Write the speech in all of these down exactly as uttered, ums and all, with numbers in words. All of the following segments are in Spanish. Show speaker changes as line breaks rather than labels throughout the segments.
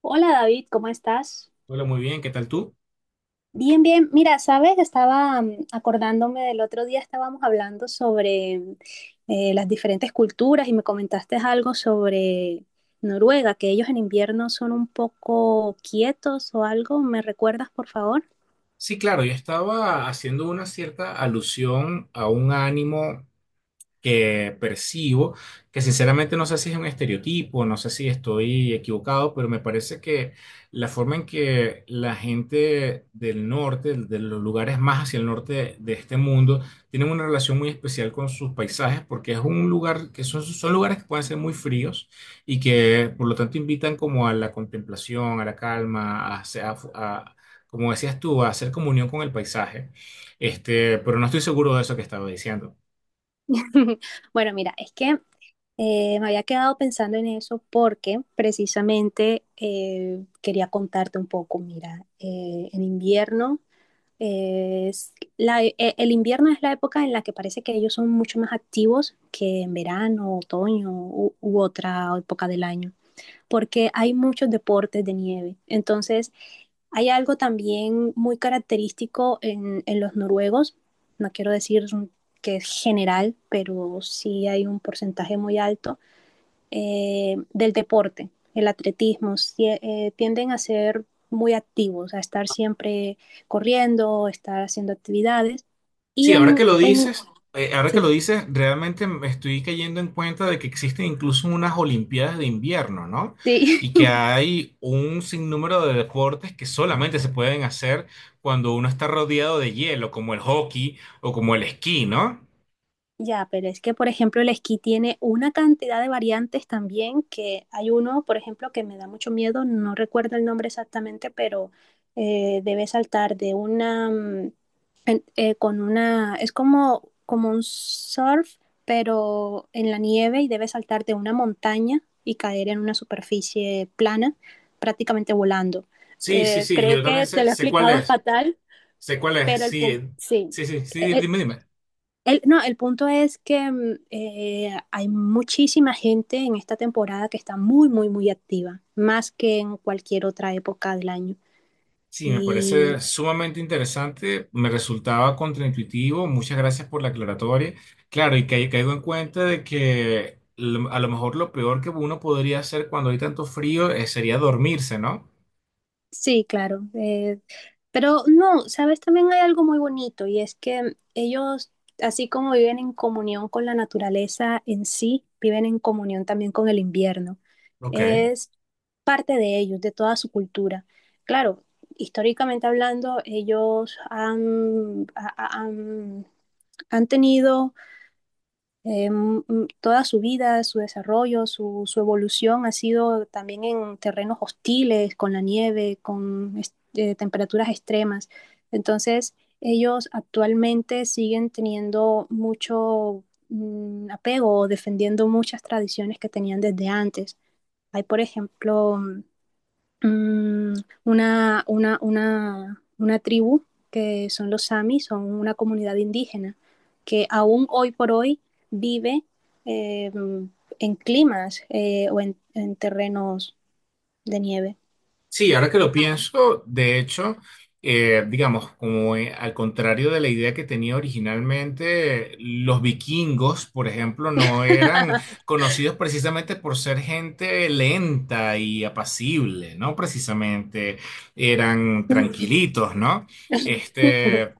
Hola David, ¿cómo estás?
Hola, muy bien, ¿qué tal tú?
Bien, bien. Mira, sabes, estaba mm, acordándome del otro día, estábamos hablando sobre mm, eh, las diferentes culturas y me comentaste algo sobre Noruega, que ellos en invierno son un poco quietos o algo. ¿Me recuerdas, por favor?
Sí, claro, yo estaba haciendo una cierta alusión a un ánimo que percibo, que sinceramente no sé si es un estereotipo, no sé si estoy equivocado, pero me parece que la forma en que la gente del norte, de los lugares más hacia el norte de este mundo, tienen una relación muy especial con sus paisajes, porque es un lugar que son, son lugares que pueden ser muy fríos y que por lo tanto invitan como a la contemplación, a la calma, a, hacer- a- a- como decías tú, a hacer comunión con el paisaje. Este, pero no estoy seguro de eso que estaba diciendo.
Bueno, mira, es que eh, me había quedado pensando en eso porque precisamente eh, quería contarte un poco. Mira, eh, en invierno. Es la, e- e, el invierno es la época en la que parece que ellos son mucho más activos que en verano, otoño u, u otra época del año, porque hay muchos deportes de nieve. Entonces, hay algo también muy característico en, en los noruegos, no quiero decir que es general, pero sí hay un porcentaje muy alto eh, del deporte, el atletismo, si, eh, tienden a ser muy activos, a estar siempre corriendo, estar haciendo actividades. Y
Sí, ahora que
en,
lo
en
dices, eh, ahora que lo
Sí,
dices, realmente me estoy cayendo en cuenta de que existen incluso unas Olimpiadas de invierno, ¿no?
sí.
Y que hay un sinnúmero de deportes que solamente se pueden hacer cuando uno está rodeado de hielo, como el hockey o como el esquí, ¿no?
Ya, pero es que, por ejemplo, el esquí tiene una cantidad de variantes también, que hay uno, por ejemplo, que me da mucho miedo, no recuerdo el nombre exactamente, pero eh, debe saltar de una, mm, en- eh, con una, es como, como un surf, pero en la nieve y debe saltar de una montaña y caer en una superficie plana, prácticamente volando.
Sí, sí,
Eh,
sí,
creo
yo también
que te
sé,
lo he
sé cuál
explicado
es,
fatal,
sé cuál es,
pero el
sí,
punto,
eh,
sí.
sí, sí, sí,
e,
dime, dime.
el, no, el punto es que mm, eh, hay muchísima gente en esta temporada que está muy, muy, muy activa, más que en cualquier otra época del año.
Sí, me parece
Y
sumamente interesante, me resultaba contraintuitivo, muchas gracias por la aclaratoria. Claro, y ca- caigo en cuenta de que lo- a lo mejor lo peor que uno podría hacer cuando hay tanto frío eh, sería dormirse, ¿no?
Sí, claro. Eh, pero no, sabes, también hay algo muy bonito y es que ellos, así como viven en comunión con la naturaleza en sí, viven en comunión también con el invierno.
Ok.
Es parte de ellos, de toda su cultura. Claro, históricamente hablando, ellos han, ha- ha- han han tenido eh, m- m- toda su vida, su desarrollo, su, su evolución ha sido también en terrenos hostiles, con la nieve, con es- eh, temperaturas extremas. Entonces, ellos actualmente siguen teniendo mucho mm, apego o defendiendo muchas tradiciones que tenían desde antes. Hay, por ejemplo, mm, una, una, una, una tribu que son los Sami, son una comunidad indígena que aún hoy por hoy vive eh, en climas eh, o en, en terrenos de nieve.
Sí, ahora que lo pienso, de hecho, eh, digamos, como eh, al contrario de la idea que tenía originalmente, los vikingos, por ejemplo, no eran conocidos precisamente por ser gente lenta y apacible, ¿no? Precisamente eran tranquilitos, ¿no? Este.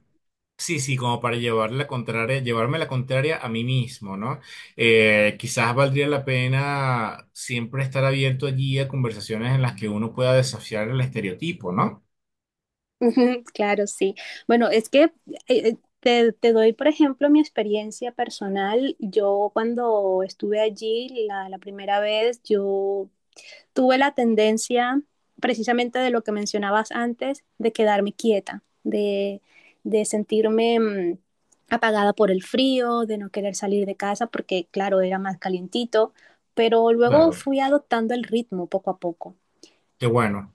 Sí, sí, como para llevar la contraria, llevarme la contraria a mí mismo, ¿no? Eh, quizás valdría la pena siempre estar abierto allí a conversaciones en las que uno pueda desafiar el estereotipo, ¿no?
Claro, sí. Bueno, es que eh, eh, te, te doy, por ejemplo, mi experiencia personal. Yo cuando estuve allí la, la primera vez, yo tuve la tendencia, precisamente de lo que mencionabas antes, de quedarme quieta, de, de sentirme mmm, apagada por el frío, de no querer salir de casa porque, claro, era más calientito, pero luego
Claro,
fui adoptando el ritmo poco a poco.
qué bueno.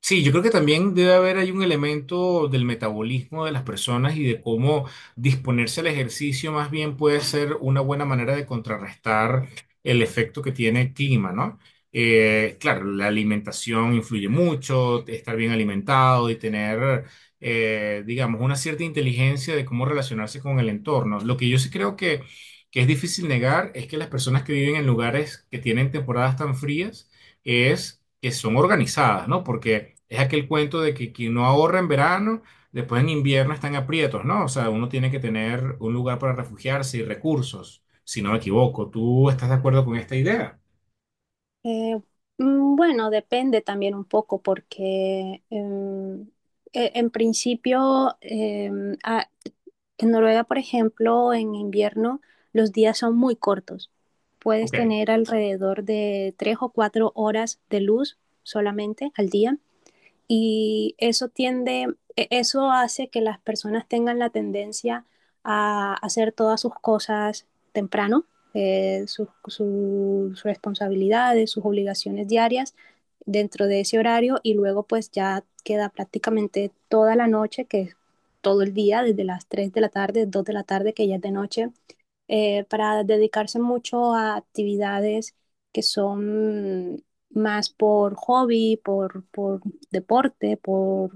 Sí, yo creo que también debe haber ahí un elemento del metabolismo de las personas y de cómo disponerse al ejercicio más bien puede ser una buena manera de contrarrestar el efecto que tiene el clima, ¿no? Eh, claro, la alimentación influye mucho, estar bien alimentado y tener, eh, digamos, una cierta inteligencia de cómo relacionarse con el entorno. Lo que yo sí creo que, que es difícil negar es que las personas que viven en lugares que tienen temporadas tan frías, es que son organizadas, ¿no? Porque es aquel cuento de que quien no ahorra en verano, después en invierno están aprietos, ¿no? O sea, uno tiene que tener un lugar para refugiarse y recursos, si no me equivoco. ¿Tú estás de acuerdo con esta idea?
Eh, mm, bueno, depende también un poco porque em, e- en principio em, a- en Noruega, por ejemplo, en invierno los días son muy cortos. Puedes
Ok.
tener alrededor de tres o cuatro horas de luz solamente al día y eso tiende, e- eso hace que las personas tengan la tendencia a hacer todas sus cosas temprano, eh, sus, sus responsabilidades, sus obligaciones diarias dentro de ese horario y luego pues ya queda prácticamente toda la noche, que es todo el día, desde las tres de la tarde, dos de la tarde, que ya es de noche, eh, para dedicarse mucho a actividades que son más por hobby, por, por deporte, por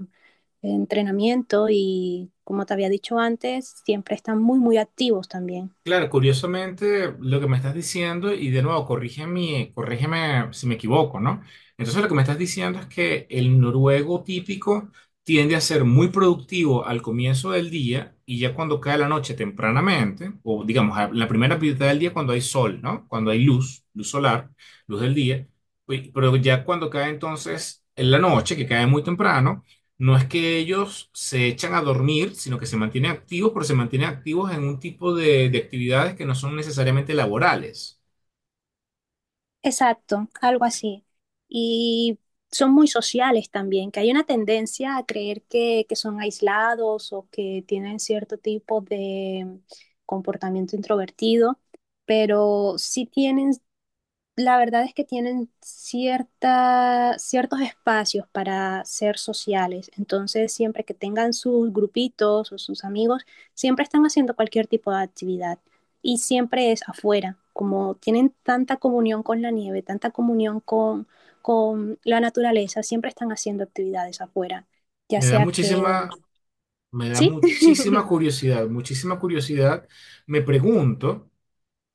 entrenamiento y, como te había dicho antes, siempre están muy, muy activos también.
Claro, curiosamente lo que me estás diciendo, y de nuevo, corrígeme, corrígeme si me equivoco, ¿no? Entonces lo que me estás diciendo es que el noruego típico tiende a ser muy productivo al comienzo del día y ya cuando cae la noche tempranamente, o digamos, a la primera mitad del día cuando hay sol, ¿no? Cuando hay luz, luz solar, luz del día, pues, pero ya cuando cae entonces en la noche, que cae muy temprano. No es que ellos se echan a dormir, sino que se mantienen activos, pero se mantienen activos en un tipo de, de actividades que no son necesariamente laborales.
Exacto, algo así. Y son muy sociales también, que hay una tendencia a creer que, que son aislados o que tienen cierto tipo de comportamiento introvertido, pero sí tienen la verdad es que tienen cierta, ciertos espacios para ser sociales, entonces siempre que tengan sus grupitos o sus amigos, siempre están haciendo cualquier tipo de actividad y siempre es afuera, como tienen tanta comunión con la nieve, tanta comunión con, con la naturaleza, siempre están haciendo actividades afuera, ya
Me da
sea que,
muchísima, me da
sí.
muchísima curiosidad, muchísima curiosidad. Me pregunto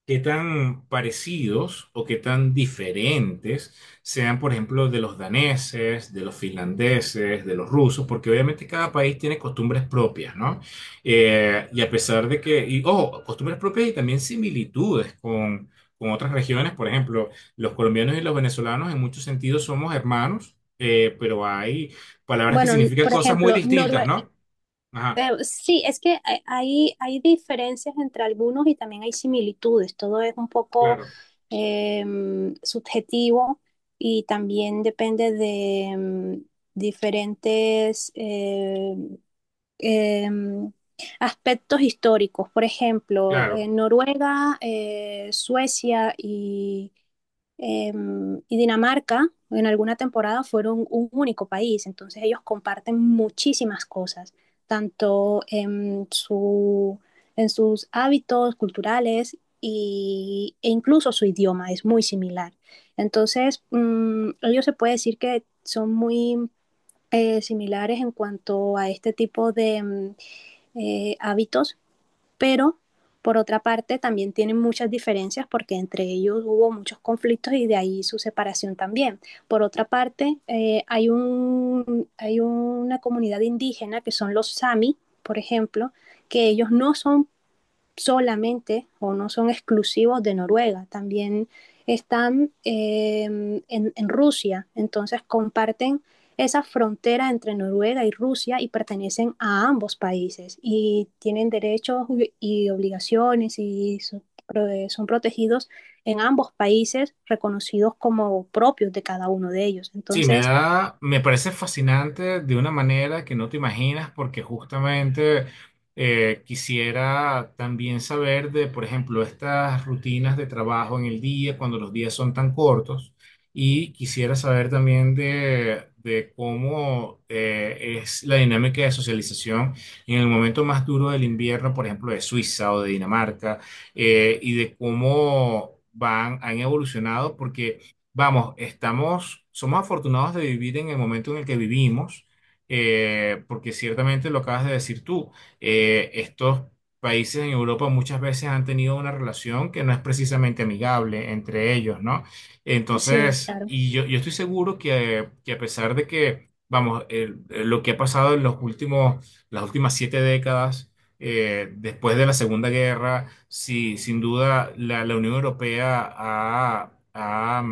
qué tan parecidos o qué tan diferentes sean, por ejemplo, de los daneses, de los finlandeses, de los rusos, porque obviamente cada país tiene costumbres propias, ¿no? Eh, y a pesar de que, y, ojo, costumbres propias y también similitudes con, con otras regiones, por ejemplo, los colombianos y los venezolanos en muchos sentidos somos hermanos, eh, pero hay palabras que
Bueno, n-
significan
por
cosas muy
ejemplo,
distintas,
Norue-
¿no? Ajá,
Pero sí, es que hay, hay hay diferencias entre algunos y también hay similitudes. Todo es un poco
claro,
em, subjetivo y también depende de em, diferentes em, em, aspectos históricos. Por ejemplo,
claro.
en Noruega, eh, Suecia y eh, y Dinamarca en alguna temporada fueron un único país, entonces ellos comparten muchísimas cosas, tanto en, su, en sus hábitos culturales y, e incluso su idioma es muy similar. Entonces, mmm, ellos se puede decir que son muy eh, similares en cuanto a este tipo de mm, eh, hábitos, pero por otra parte también tienen muchas diferencias porque entre ellos hubo muchos conflictos y de ahí su separación también. Por otra parte, eh, hay, un, hay una comunidad indígena que son los Sami, por ejemplo, que ellos no son solamente o no son exclusivos de Noruega, también están eh, en, en, Rusia, entonces comparten esa frontera entre Noruega y Rusia y pertenecen a ambos países y tienen derechos y obligaciones y son, son protegidos en ambos países, reconocidos como propios de cada uno de ellos.
Sí, me
Entonces,
da, me parece fascinante de una manera que no te imaginas, porque justamente eh, quisiera también saber de, por ejemplo, estas rutinas de trabajo en el día, cuando los días son tan cortos, y quisiera saber también de, de cómo eh, es la dinámica de socialización en el momento más duro del invierno, por ejemplo, de Suiza o de Dinamarca, eh, y de cómo van, han evolucionado, porque vamos, estamos, somos afortunados de vivir en el momento en el que vivimos, eh, porque ciertamente lo acabas de decir tú, eh, estos países en Europa muchas veces han tenido una relación que no es precisamente amigable entre ellos, ¿no?
sí,
Entonces,
claro.
y yo, yo estoy seguro que, que a pesar de que, vamos, el- lo que ha pasado en los últimos, las últimas siete décadas, eh, después de la Segunda Guerra, sí, sin duda la, la Unión Europea ha... ha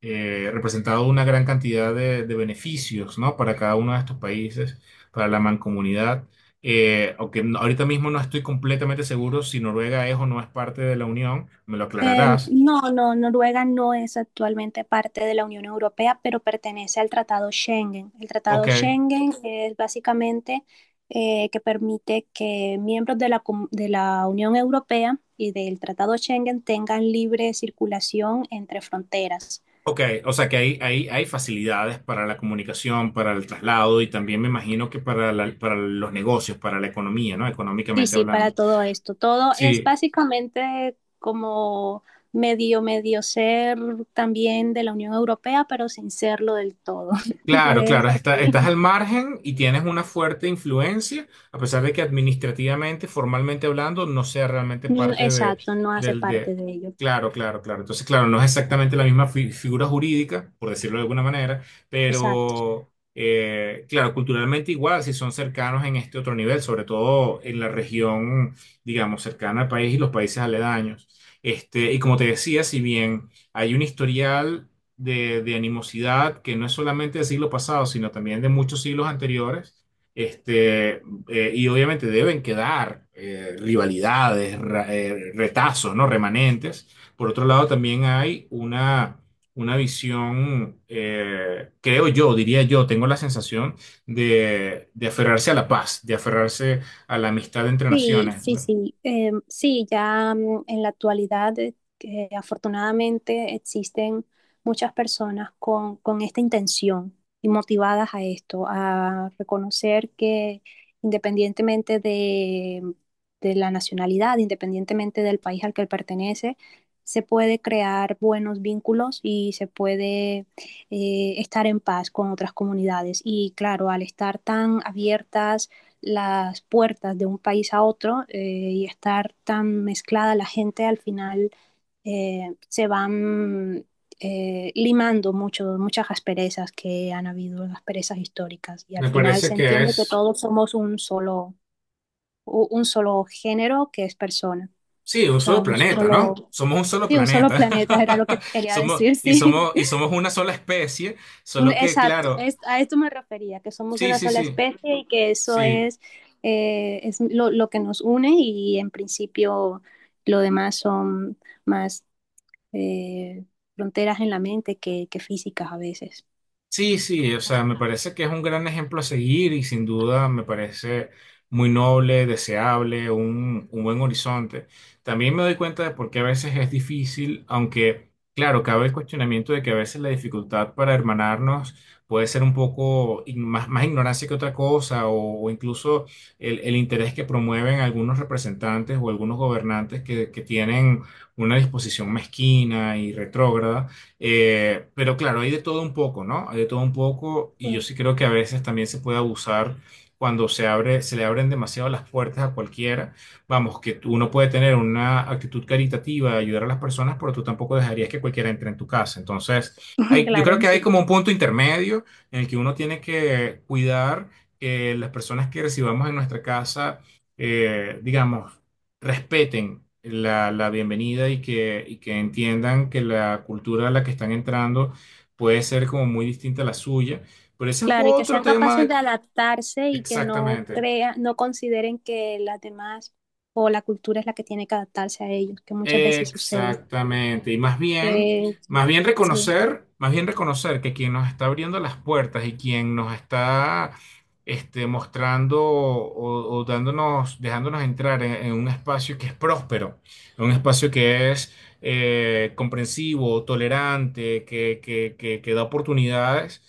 eh, representado una gran cantidad de, de beneficios, ¿no? Para cada uno de estos países, para la mancomunidad. Eh, aunque no- ahorita mismo no estoy completamente seguro si Noruega es o no es parte de la Unión, me lo
Em,
aclararás.
no, no, Noruega no es actualmente parte de la Unión Europea, pero pertenece al Tratado Schengen. El Tratado
Ok,
Schengen es básicamente eh, que permite que miembros de la, com- de la Unión Europea y del Tratado Schengen tengan libre circulación entre fronteras.
ok, o sea que hay, hay, hay facilidades para la comunicación, para el traslado y también me imagino que para, la- para los negocios, para la economía, ¿no?
Sí,
Económicamente
sí, para
hablando.
todo esto. Todo es
Sí.
básicamente como medio, medio ser también de la Unión Europea, pero sin serlo del todo.
Claro,
Es
claro, está- estás
así.
al margen y tienes una fuerte influencia, a pesar de que administrativamente, formalmente hablando, no sea realmente
Mm,
parte de,
exacto, no hace
del
parte
de...
de ello.
Claro, claro, claro. Entonces, claro, no es exactamente la misma fi- figura jurídica, por decirlo de alguna manera,
Exacto.
pero, eh, claro, culturalmente igual, si son cercanos en este otro nivel, sobre todo en la región, digamos, cercana al país y los países aledaños. Este, y como te decía, si bien hay un historial de, de animosidad que no es solamente del siglo pasado, sino también de muchos siglos anteriores. Este, eh, y obviamente deben quedar eh, rivalidades, ra- eh, retazos, ¿no? Remanentes. Por otro lado, también hay una, una visión, eh, creo yo, diría yo, tengo la sensación de, de aferrarse a la paz, de aferrarse a la amistad entre
Sí,
naciones.
sí,
Me
sí. Em, sí, ya, mm, en la actualidad, eh, que afortunadamente existen muchas personas con, con esta intención y motivadas a esto, a reconocer que independientemente de, mm, de la nacionalidad, independientemente del país al que pertenece, se puede crear buenos vínculos y se puede eh, estar en paz con otras comunidades. Y claro, al estar tan abiertas las puertas de un país a otro, eh, y estar tan mezclada la gente, al final eh, se van eh, limando mucho, muchas asperezas que han habido, asperezas históricas, y al
me
final
parece
se
que
entiende que
es
todos somos un solo, u- un solo género que es persona,
sí, un
o sea,
solo
un
planeta, ¿no?
solo,
Somos un solo
sí, un solo
planeta.
planeta, era lo que quería
Somos,
decir.
y
Sí,
somos, y somos una sola especie,
mm,
solo que,
exacto,
claro,
es- a esto me refería, que somos
sí,
una
sí,
sola
sí,
especie y que eso
sí.
es, eh, es lo, lo que nos une y en principio lo demás son más eh, fronteras en la mente que, que físicas a veces.
Sí, sí, o sea, me parece que es un gran ejemplo a seguir y sin duda me parece muy noble, deseable, un, un buen horizonte. También me doy cuenta de por qué a veces es difícil, aunque claro, cabe el cuestionamiento de que a veces la dificultad para hermanarnos puede ser un poco ign- más, más ignorancia que otra cosa o, o incluso el, el interés que promueven algunos representantes o algunos gobernantes que, que tienen una disposición mezquina y retrógrada eh, pero claro, hay de todo un poco, ¿no? Hay de todo un poco y yo
Sí.
sí creo que a veces también se puede abusar cuando se abre, se le abren demasiado las puertas a cualquiera. Vamos, que tú- uno puede tener una actitud caritativa, ayudar a las personas, pero tú tampoco dejarías que cualquiera entre en tu casa. Entonces, hay, yo
Claro,
creo que
sí.
hay como un punto intermedio en el que uno tiene que cuidar que las personas que recibamos en nuestra casa, eh, digamos, respeten la, la bienvenida y que, y que entiendan que la cultura a la que están entrando puede ser como muy distinta a la suya. Pero ese es
Claro, y que
otro
sean
tema
capaces
de...
de adaptarse y que no
Exactamente.
crea, no consideren que las demás o la cultura es la que tiene que adaptarse a ellos, que muchas veces sucede.
Exactamente. Y más bien,
Eh,
más bien
sí,
reconocer, más bien reconocer que quien nos está abriendo las puertas y quien nos está este, mostrando o, o dándonos, dejándonos entrar en, en un espacio que es próspero, en un espacio que es eh, comprensivo, tolerante, que, que, que, que da oportunidades.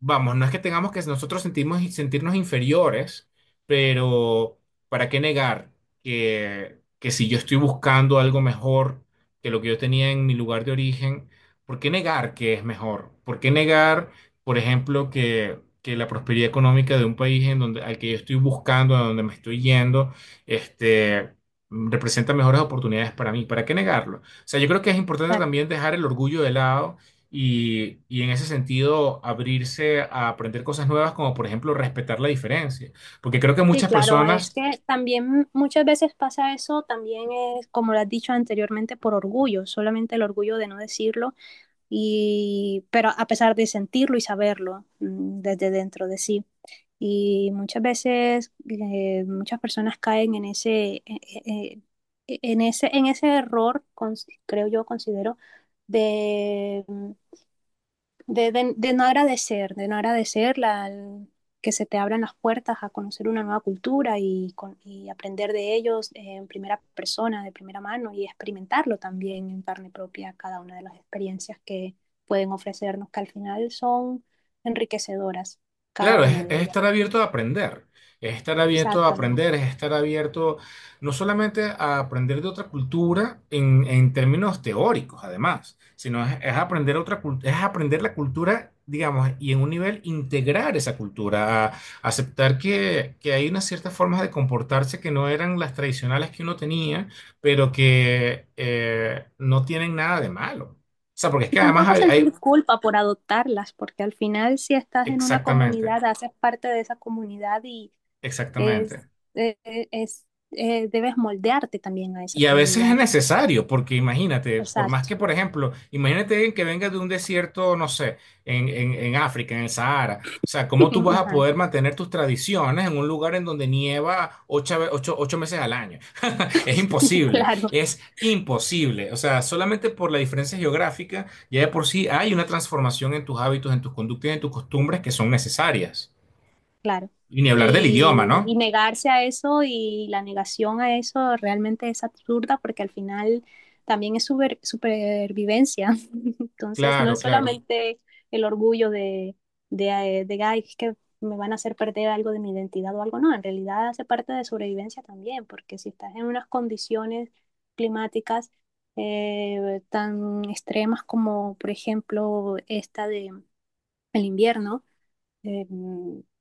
Vamos, no es que tengamos que nosotros sentimos, sentirnos inferiores, pero ¿para qué negar que, que si yo estoy buscando algo mejor que lo que yo tenía en mi lugar de origen, ¿por qué negar que es mejor? ¿Por qué negar, por ejemplo, que, que la prosperidad económica de un país en donde, al que yo estoy buscando, a donde me estoy yendo, este, representa mejores oportunidades para mí? ¿Para qué negarlo? O sea, yo creo que es importante
claro.
también dejar el orgullo de lado y, y en ese sentido abrirse a aprender cosas nuevas, como por ejemplo respetar la diferencia. Porque creo que
Sí,
muchas
claro, es
personas
que también muchas veces pasa eso, también es, como lo has dicho anteriormente, por orgullo, solamente el orgullo de no decirlo, y, pero a pesar de sentirlo y saberlo, mm, desde dentro de sí. Y muchas veces eh, muchas personas caen en ese, eh, eh, en ese, en ese error, cons- creo yo, considero, de mm, de, de- de no agradecer, de no agradecer la, el- que se te abran las puertas a conocer una nueva cultura y, con- y aprender de ellos en primera persona, de primera mano y experimentarlo también en carne propia cada una de las experiencias que pueden ofrecernos, que al final son enriquecedoras, cada
claro,
una
es,
de
es
ellas.
estar abierto a aprender, es estar abierto a
Exactamente.
aprender, es estar abierto no solamente a aprender de otra cultura en, en términos teóricos, además, sino es, es aprender otra, cul- es aprender la cultura, digamos, y en un nivel integrar esa cultura, a aceptar que, que hay unas ciertas formas de comportarse que no eran las tradicionales que uno tenía, pero que eh, no tienen nada de malo. O sea, porque es
Y
que además
tampoco
hay,
sentir
hay-
culpa por adoptarlas, porque al final si estás en una
exactamente,
comunidad, haces parte de esa comunidad y Es,
exactamente.
eh, eh, es, eh, debes moldearte también a esa
Y a veces es
comunidad.
necesario, porque imagínate, por más
Exacto.
que, por ejemplo, imagínate alguien que venga de un desierto, no sé, en, en- en África, en el Sahara. O sea, ¿cómo tú vas a
Ajá.
poder mantener tus tradiciones en un lugar en donde nieva ocho, ve- ocho- ocho meses al año? Es imposible,
Claro.
es imposible. O sea, solamente por la diferencia geográfica, ya de por sí hay una transformación en tus hábitos, en tus conductas y en tus costumbres que son necesarias.
Claro.
Y ni hablar del idioma,
Y, y
¿no?
negarse a eso y la negación a eso realmente es absurda porque al final también es super- supervivencia. Entonces, no
Claro,
es
claro.
solamente el orgullo de, de, eh, de, "Ay, es que me van a hacer perder algo de mi identidad o algo". No, en realidad hace parte de sobrevivencia también, porque si estás en unas condiciones climáticas eh, tan extremas como, por ejemplo, esta de el invierno, eh,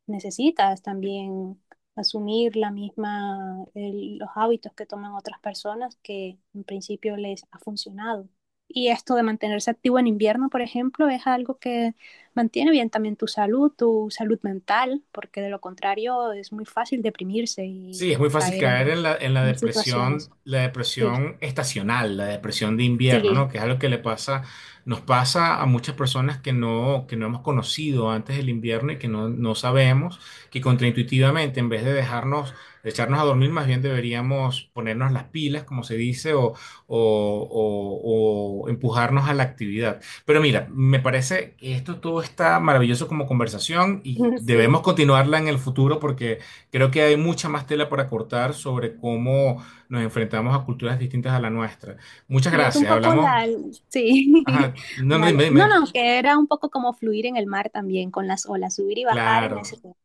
necesitas también asumir la misma, el- los hábitos que toman otras personas que en principio les ha funcionado. Y esto de mantenerse activo en invierno, por ejemplo, es algo que mantiene bien también tu salud, tu salud mental, porque de lo contrario es muy fácil deprimirse y,
Sí, es
y
muy fácil
caer en,
caer en la, en la
en situaciones.
depresión, la
Sí,
depresión estacional, la depresión de invierno,
sí.
¿no? Que es algo que le pasa, nos pasa a muchas personas que no, que no hemos conocido antes del invierno y que no, no sabemos, que contraintuitivamente, en vez de dejarnos, de echarnos a dormir, más bien deberíamos ponernos las pilas, como se dice, o, o, o- o empujarnos a la actividad. Pero mira, me parece que esto todo está maravilloso como conversación y
Sí.
debemos continuarla en el futuro porque creo que hay mucha más tela para cortar sobre cómo nos enfrentamos a culturas distintas a la nuestra. Muchas
Y es un
gracias.
poco
Hablamos.
la, sí.
Ajá. No, no,
Vale.
dime,
No,
dime.
no, que era un poco como fluir en el mar también con las olas, subir y bajar en ese
Claro,
tiempo.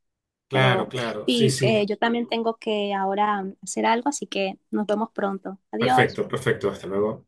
Pero
claro, claro. Sí,
sí, eh,
sí.
yo también tengo que ahora hacer algo, así que nos vemos pronto. Adiós.
Perfecto, perfecto. Hasta luego.